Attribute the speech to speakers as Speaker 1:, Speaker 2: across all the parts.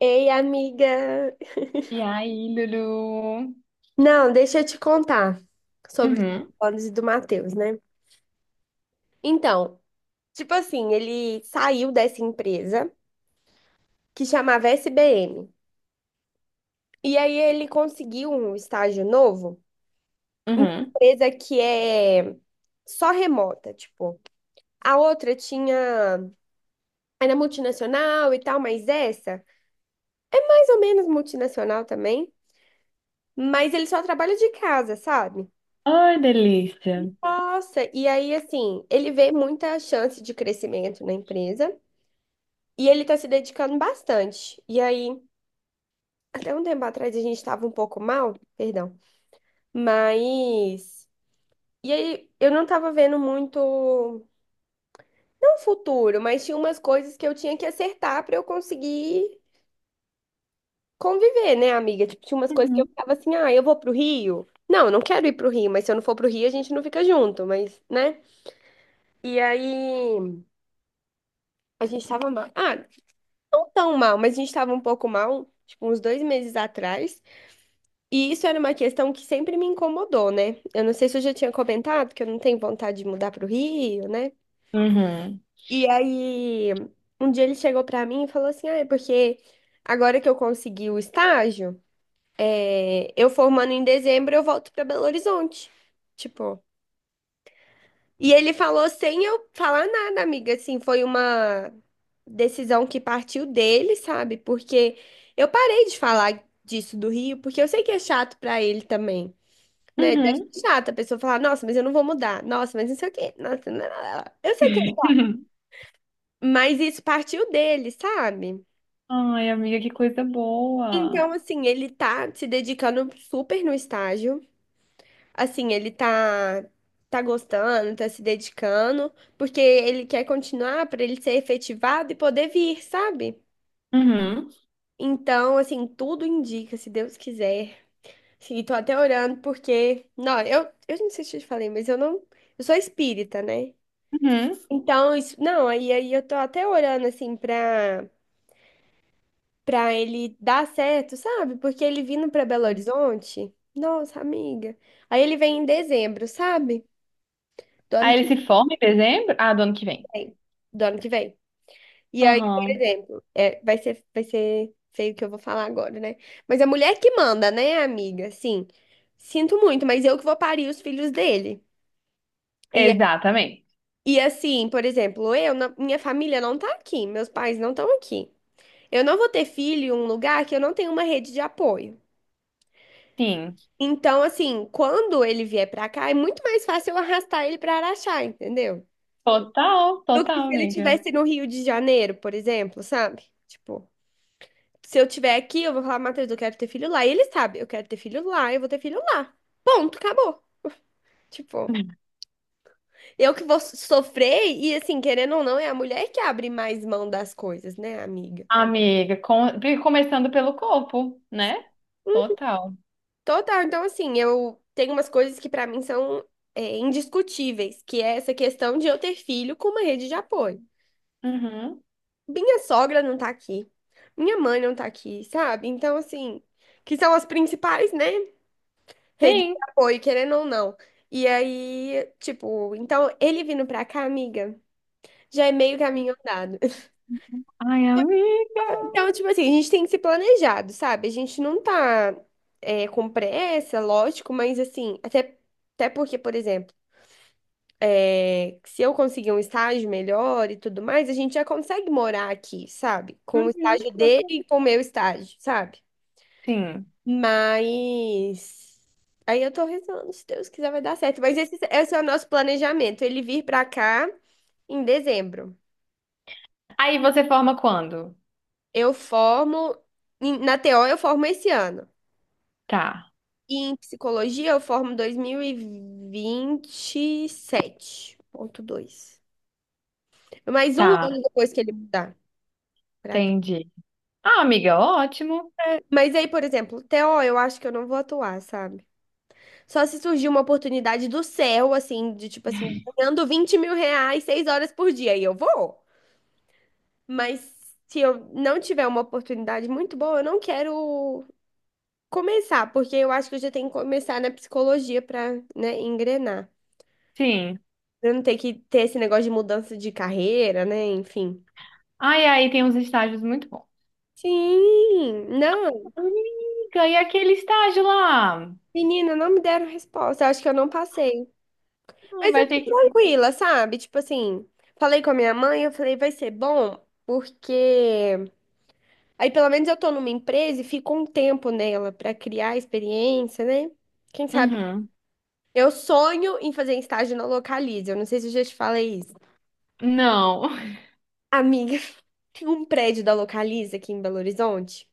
Speaker 1: Ei, amiga!
Speaker 2: E aí, Lulu?
Speaker 1: Não, deixa eu te contar sobre os
Speaker 2: Uhum,
Speaker 1: planos e do Matheus, né? Então, tipo assim, ele saiu dessa empresa que chamava SBM. E aí ele conseguiu um estágio novo, uma
Speaker 2: uhum.
Speaker 1: empresa que é só remota, tipo. A outra tinha, era multinacional e tal, mas essa, mais ou menos multinacional também, mas ele só trabalha de casa, sabe?
Speaker 2: Ai, delícia.
Speaker 1: Nossa, e aí, assim, ele vê muita chance de crescimento na empresa e ele tá se dedicando bastante. E aí, até um tempo atrás a gente tava um pouco mal, perdão, mas. E aí, eu não tava vendo muito, não futuro, mas tinha umas coisas que eu tinha que acertar pra eu conseguir conviver, né, amiga? Tipo, tinha umas coisas que eu
Speaker 2: Uhum.
Speaker 1: ficava assim, ah, eu vou pro Rio. Não, eu não quero ir pro Rio, mas se eu não for pro Rio, a gente não fica junto, mas, né? E aí, a gente tava mal. Ah, não tão mal, mas a gente estava um pouco mal, tipo, uns 2 meses atrás. E isso era uma questão que sempre me incomodou, né? Eu não sei se eu já tinha comentado que eu não tenho vontade de mudar para o Rio, né?
Speaker 2: Uhum,
Speaker 1: E aí, um dia ele chegou para mim e falou assim: ah, é porque agora que eu consegui o estágio, é, eu formando em dezembro, eu volto para Belo Horizonte. Tipo. E ele falou sem eu falar nada, amiga. Assim, foi uma decisão que partiu dele, sabe? Porque eu parei de falar disso do Rio, porque eu sei que é chato pra ele também, né? Deve
Speaker 2: uhum.
Speaker 1: ser chato a pessoa falar, nossa, mas eu não vou mudar. Nossa, mas não sei o quê. Nossa, não, não, não. Eu sei que é chato, mas isso partiu dele, sabe?
Speaker 2: Ai, amiga, que coisa boa.
Speaker 1: Então, assim, ele tá se dedicando super no estágio. Assim, ele tá gostando, tá se dedicando, porque ele quer continuar para ele ser efetivado e poder vir, sabe?
Speaker 2: Uhum,
Speaker 1: Então, assim, tudo indica, se Deus quiser. Sim, tô até orando porque, não, eu não sei se eu te falei, mas eu não, eu sou espírita, né?
Speaker 2: uhum.
Speaker 1: Então, isso, não, aí eu tô até orando assim pra para ele dar certo, sabe? Porque ele vindo pra Belo Horizonte, nossa, amiga. Aí ele vem em dezembro, sabe? Do ano
Speaker 2: Aí
Speaker 1: que
Speaker 2: ele se forma em dezembro? Ah, do ano que vem.
Speaker 1: vem. Do ano que vem. E aí, por
Speaker 2: Aham.
Speaker 1: exemplo, é, vai ser feio o que eu vou falar agora, né? Mas a mulher que manda, né, amiga? Sim. Sinto muito, mas eu que vou parir os filhos dele. E, a-
Speaker 2: Exatamente.
Speaker 1: e assim, por exemplo, eu, minha família não tá aqui, meus pais não estão aqui. Eu não vou ter filho em um lugar que eu não tenho uma rede de apoio.
Speaker 2: Sim.
Speaker 1: Então, assim, quando ele vier pra cá, é muito mais fácil eu arrastar ele pra Araxá, entendeu?
Speaker 2: Total,
Speaker 1: Do que
Speaker 2: total,
Speaker 1: se ele
Speaker 2: amiga.
Speaker 1: tivesse no Rio de Janeiro, por exemplo, sabe? Tipo. Se eu tiver aqui, eu vou falar, Matheus, eu quero ter filho lá. E ele sabe, eu quero ter filho lá, eu vou ter filho lá. Ponto, acabou. Tipo, eu que vou sofrer e, assim, querendo ou não, é a mulher que abre mais mão das coisas, né, amiga?
Speaker 2: Amiga, começando pelo corpo, né? Total.
Speaker 1: Total, então, assim, eu tenho umas coisas que pra mim são indiscutíveis, que é essa questão de eu ter filho com uma rede de apoio.
Speaker 2: Uhum,
Speaker 1: Minha sogra não tá aqui, minha mãe não tá aqui, sabe? Então, assim, que são as principais, né? Rede de
Speaker 2: sim.
Speaker 1: apoio, querendo ou não. E aí, tipo, então ele vindo pra cá, amiga, já é meio caminho andado.
Speaker 2: Ai, amiga.
Speaker 1: Então, tipo assim, a gente tem que ser planejado, sabe? A gente não tá com pressa, lógico, mas assim, até, até porque, por exemplo, é, se eu conseguir um estágio melhor e tudo mais, a gente já consegue morar aqui, sabe? Com o
Speaker 2: Uhum.
Speaker 1: estágio dele e com o meu estágio, sabe?
Speaker 2: Sim.
Speaker 1: Mas aí eu tô rezando, se Deus quiser vai dar certo. Mas esse é o nosso planejamento, ele vir pra cá em dezembro.
Speaker 2: Aí você forma quando?
Speaker 1: Eu formo na TO eu formo esse ano.
Speaker 2: Tá,
Speaker 1: E em psicologia eu formo dois mil e vinte e sete ponto dois. Mais um
Speaker 2: tá,
Speaker 1: ano depois que ele mudar pra cá.
Speaker 2: entendi. Ah, amiga, ótimo.
Speaker 1: Mas aí, por exemplo, TO eu acho que eu não vou atuar, sabe? Só se surgir uma oportunidade do céu, assim, de tipo assim, ganhando 20 mil reais, 6 horas por dia, e eu vou. Mas se eu não tiver uma oportunidade muito boa, eu não quero começar, porque eu acho que eu já tenho que começar na psicologia para, né, engrenar.
Speaker 2: Sim.
Speaker 1: Pra eu não ter que ter esse negócio de mudança de carreira, né? Enfim.
Speaker 2: Ai, aí tem uns estágios muito bons.
Speaker 1: Sim, não,
Speaker 2: Amiga, e aquele estágio lá?
Speaker 1: menina, não me deram resposta. Eu acho que eu não passei.
Speaker 2: Ah,
Speaker 1: Mas eu
Speaker 2: vai
Speaker 1: tô
Speaker 2: ter que.
Speaker 1: tranquila, sabe? Tipo assim, falei com a minha mãe, eu falei, vai ser bom, porque aí pelo menos eu tô numa empresa e fico um tempo nela pra criar experiência, né? Quem sabe.
Speaker 2: Uhum.
Speaker 1: Eu sonho em fazer estágio na Localiza. Eu não sei se eu já te falei isso.
Speaker 2: Não.
Speaker 1: Amiga, tem um prédio da Localiza aqui em Belo Horizonte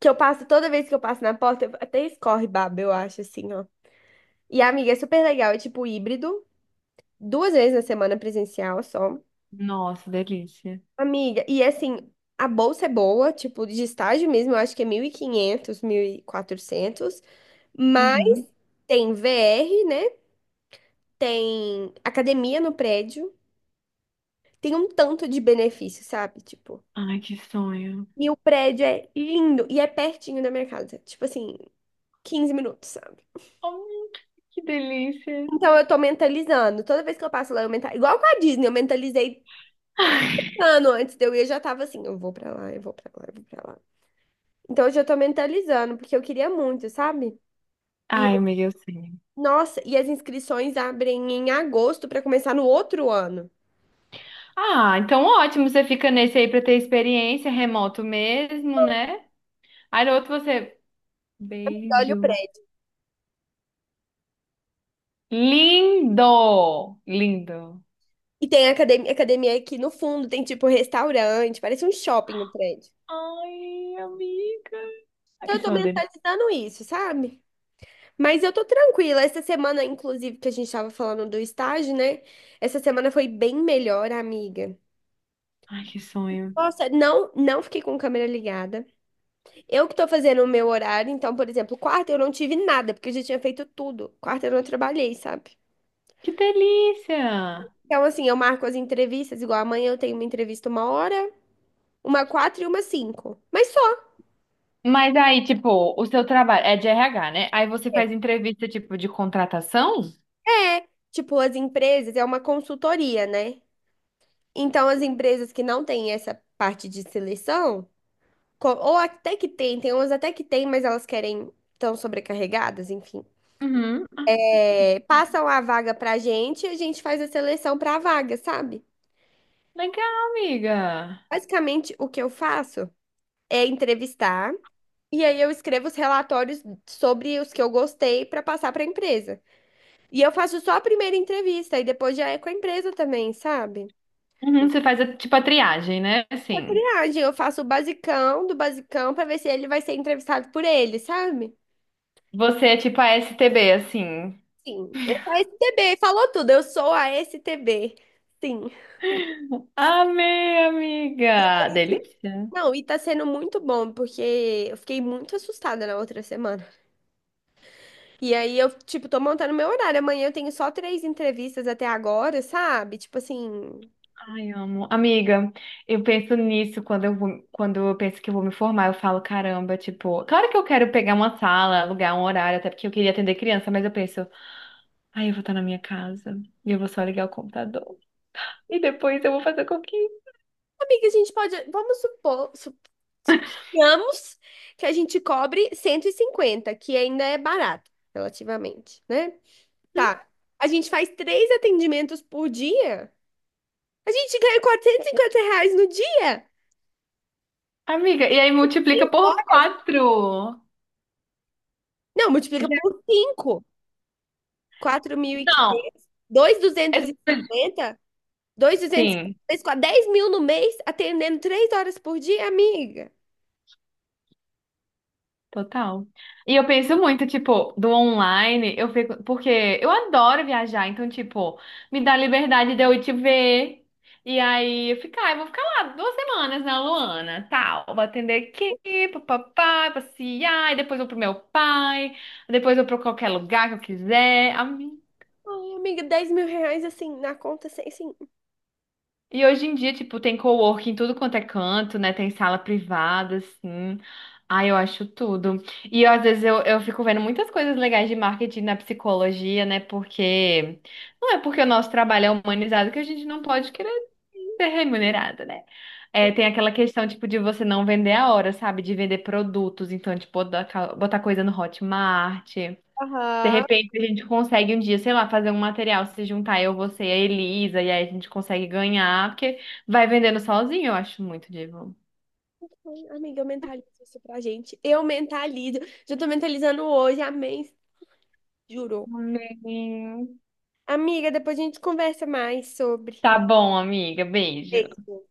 Speaker 1: que eu passo, toda vez que eu passo na porta, até escorre baba, eu acho, assim, ó. E, amiga, é super legal. É tipo híbrido, 2 vezes na semana presencial só.
Speaker 2: Nossa, delícia.
Speaker 1: Amiga, e assim, a bolsa é boa, tipo, de estágio mesmo, eu acho que é mil e quinhentos, 1.400. Mas
Speaker 2: Uhum.
Speaker 1: tem VR, né? Tem academia no prédio. Tem um tanto de benefício, sabe? Tipo.
Speaker 2: Ai, que sonho.
Speaker 1: E o prédio é lindo e é pertinho da minha casa. Tipo assim, 15 minutos, sabe?
Speaker 2: Hum, que delícia.
Speaker 1: Então eu tô mentalizando. Toda vez que eu passo lá, eu mentalizo. Igual com a Disney, eu mentalizei ano antes de eu ir, eu já tava assim, eu vou pra lá, eu vou pra lá, eu vou pra lá. Então eu já tô mentalizando, porque eu queria muito, sabe? E,
Speaker 2: Ai, amiga, eu sei.
Speaker 1: nossa, e as inscrições abrem em agosto pra começar no outro ano.
Speaker 2: Ah, então ótimo, você fica nesse aí pra ter experiência, remoto mesmo, né? Aí no outro você.
Speaker 1: Amiga, olha o
Speaker 2: Beijo.
Speaker 1: prédio.
Speaker 2: Lindo! Lindo.
Speaker 1: E tem academia, academia aqui no fundo, tem tipo restaurante, parece um shopping o prédio.
Speaker 2: Ai, amiga.
Speaker 1: Então
Speaker 2: Ai,
Speaker 1: eu tô
Speaker 2: sonho dele.
Speaker 1: mentalizando isso, sabe? Mas eu tô tranquila. Essa semana, inclusive, que a gente tava falando do estágio, né? Essa semana foi bem melhor, amiga.
Speaker 2: Ai, que sonho.
Speaker 1: Nossa, não, não fiquei com câmera ligada. Eu que tô fazendo o meu horário, então, por exemplo, quarta eu não tive nada, porque eu já tinha feito tudo. Quarta eu não trabalhei, sabe?
Speaker 2: Que delícia!
Speaker 1: Então, assim, eu marco as entrevistas, igual amanhã eu tenho uma entrevista uma hora, uma quatro e uma cinco. Mas só.
Speaker 2: Mas aí, tipo, o seu trabalho é de RH, né? Aí você faz entrevista, tipo, de contratação?
Speaker 1: É, tipo, as empresas, é uma consultoria, né? Então, as empresas que não têm essa parte de seleção. Ou até que tem, tem umas até que tem, mas elas querem, estão sobrecarregadas, enfim.
Speaker 2: Uhum. Ah,
Speaker 1: É, passam a vaga pra gente e a gente faz a seleção pra vaga, sabe?
Speaker 2: legal, amiga.
Speaker 1: Basicamente, o que eu faço é entrevistar e aí eu escrevo os relatórios sobre os que eu gostei pra passar pra empresa. E eu faço só a primeira entrevista e depois já é com a empresa também, sabe?
Speaker 2: Uhum, uhum. Você faz, tipo, a triagem, né?
Speaker 1: A
Speaker 2: Assim,
Speaker 1: triagem, eu faço o basicão do basicão pra ver se ele vai ser entrevistado por ele, sabe?
Speaker 2: você é tipo a STB, assim.
Speaker 1: Sim, eu sou a STB, falou tudo, eu sou a STB. Sim.
Speaker 2: Amei, amiga. Delícia.
Speaker 1: Não, e tá sendo muito bom, porque eu fiquei muito assustada na outra semana. E aí eu, tipo, tô montando meu horário. Amanhã eu tenho só três entrevistas até agora, sabe? Tipo assim,
Speaker 2: Ai, amo. Amiga, eu penso nisso quando eu vou, quando eu penso que eu vou me formar, eu falo, caramba, tipo, claro que eu quero pegar uma sala, alugar um horário, até porque eu queria atender criança, mas eu penso, ai, eu vou estar na minha casa e eu vou só ligar o computador. E depois eu vou fazer com que.
Speaker 1: amiga, a gente pode. Vamos supor. Suponhamos que a gente cobre 150 que ainda é barato, relativamente, né? Tá. A gente faz três atendimentos por dia. A gente ganha R$ 450 no dia.
Speaker 2: Amiga, e aí multiplica por quatro.
Speaker 1: Não, multiplica
Speaker 2: Já-
Speaker 1: por 5.
Speaker 2: não,
Speaker 1: 4.500,
Speaker 2: é
Speaker 1: 2.250,
Speaker 2: sim.
Speaker 1: 2.250, 10 mil duzentos e cinquenta, 2.250, 10 mil no mês, atendendo 3 horas por dia, amiga.
Speaker 2: Total. E eu penso muito, tipo, do online, eu fico, porque eu adoro viajar, então, tipo, me dá liberdade de eu ir te ver. E aí eu ficar, eu vou ficar lá 2 semanas na Luana, tal. Vou atender aqui, papapá, passear, e depois vou pro meu pai, depois vou pra qualquer lugar que eu quiser.
Speaker 1: Ai, amiga, 10 mil reais, assim, na conta, sem, assim.
Speaker 2: E hoje em dia, tipo, tem coworking em tudo quanto é canto, né? Tem sala privada, assim. Ai, eu acho tudo. E eu, às vezes eu, fico vendo muitas coisas legais de marketing na psicologia, né? Porque não é porque o nosso trabalho é humanizado que a gente não pode querer ser remunerado, né? É, tem aquela questão, tipo, de você não vender a hora, sabe? De vender produtos. Então, tipo, botar coisa no Hotmart. De
Speaker 1: Aham.
Speaker 2: repente a gente consegue um dia, sei lá, fazer um material, se juntar eu, você e a Elisa, e aí a gente consegue ganhar, porque vai vendendo sozinho, eu acho muito divo.
Speaker 1: Ai, amiga, eu mentalizo isso pra gente. Eu mentalizo. Já tô mentalizando hoje, amém. Juro.
Speaker 2: Amém.
Speaker 1: Amiga, depois a gente conversa mais sobre.
Speaker 2: Tá bom, amiga. Beijo.
Speaker 1: Beijo.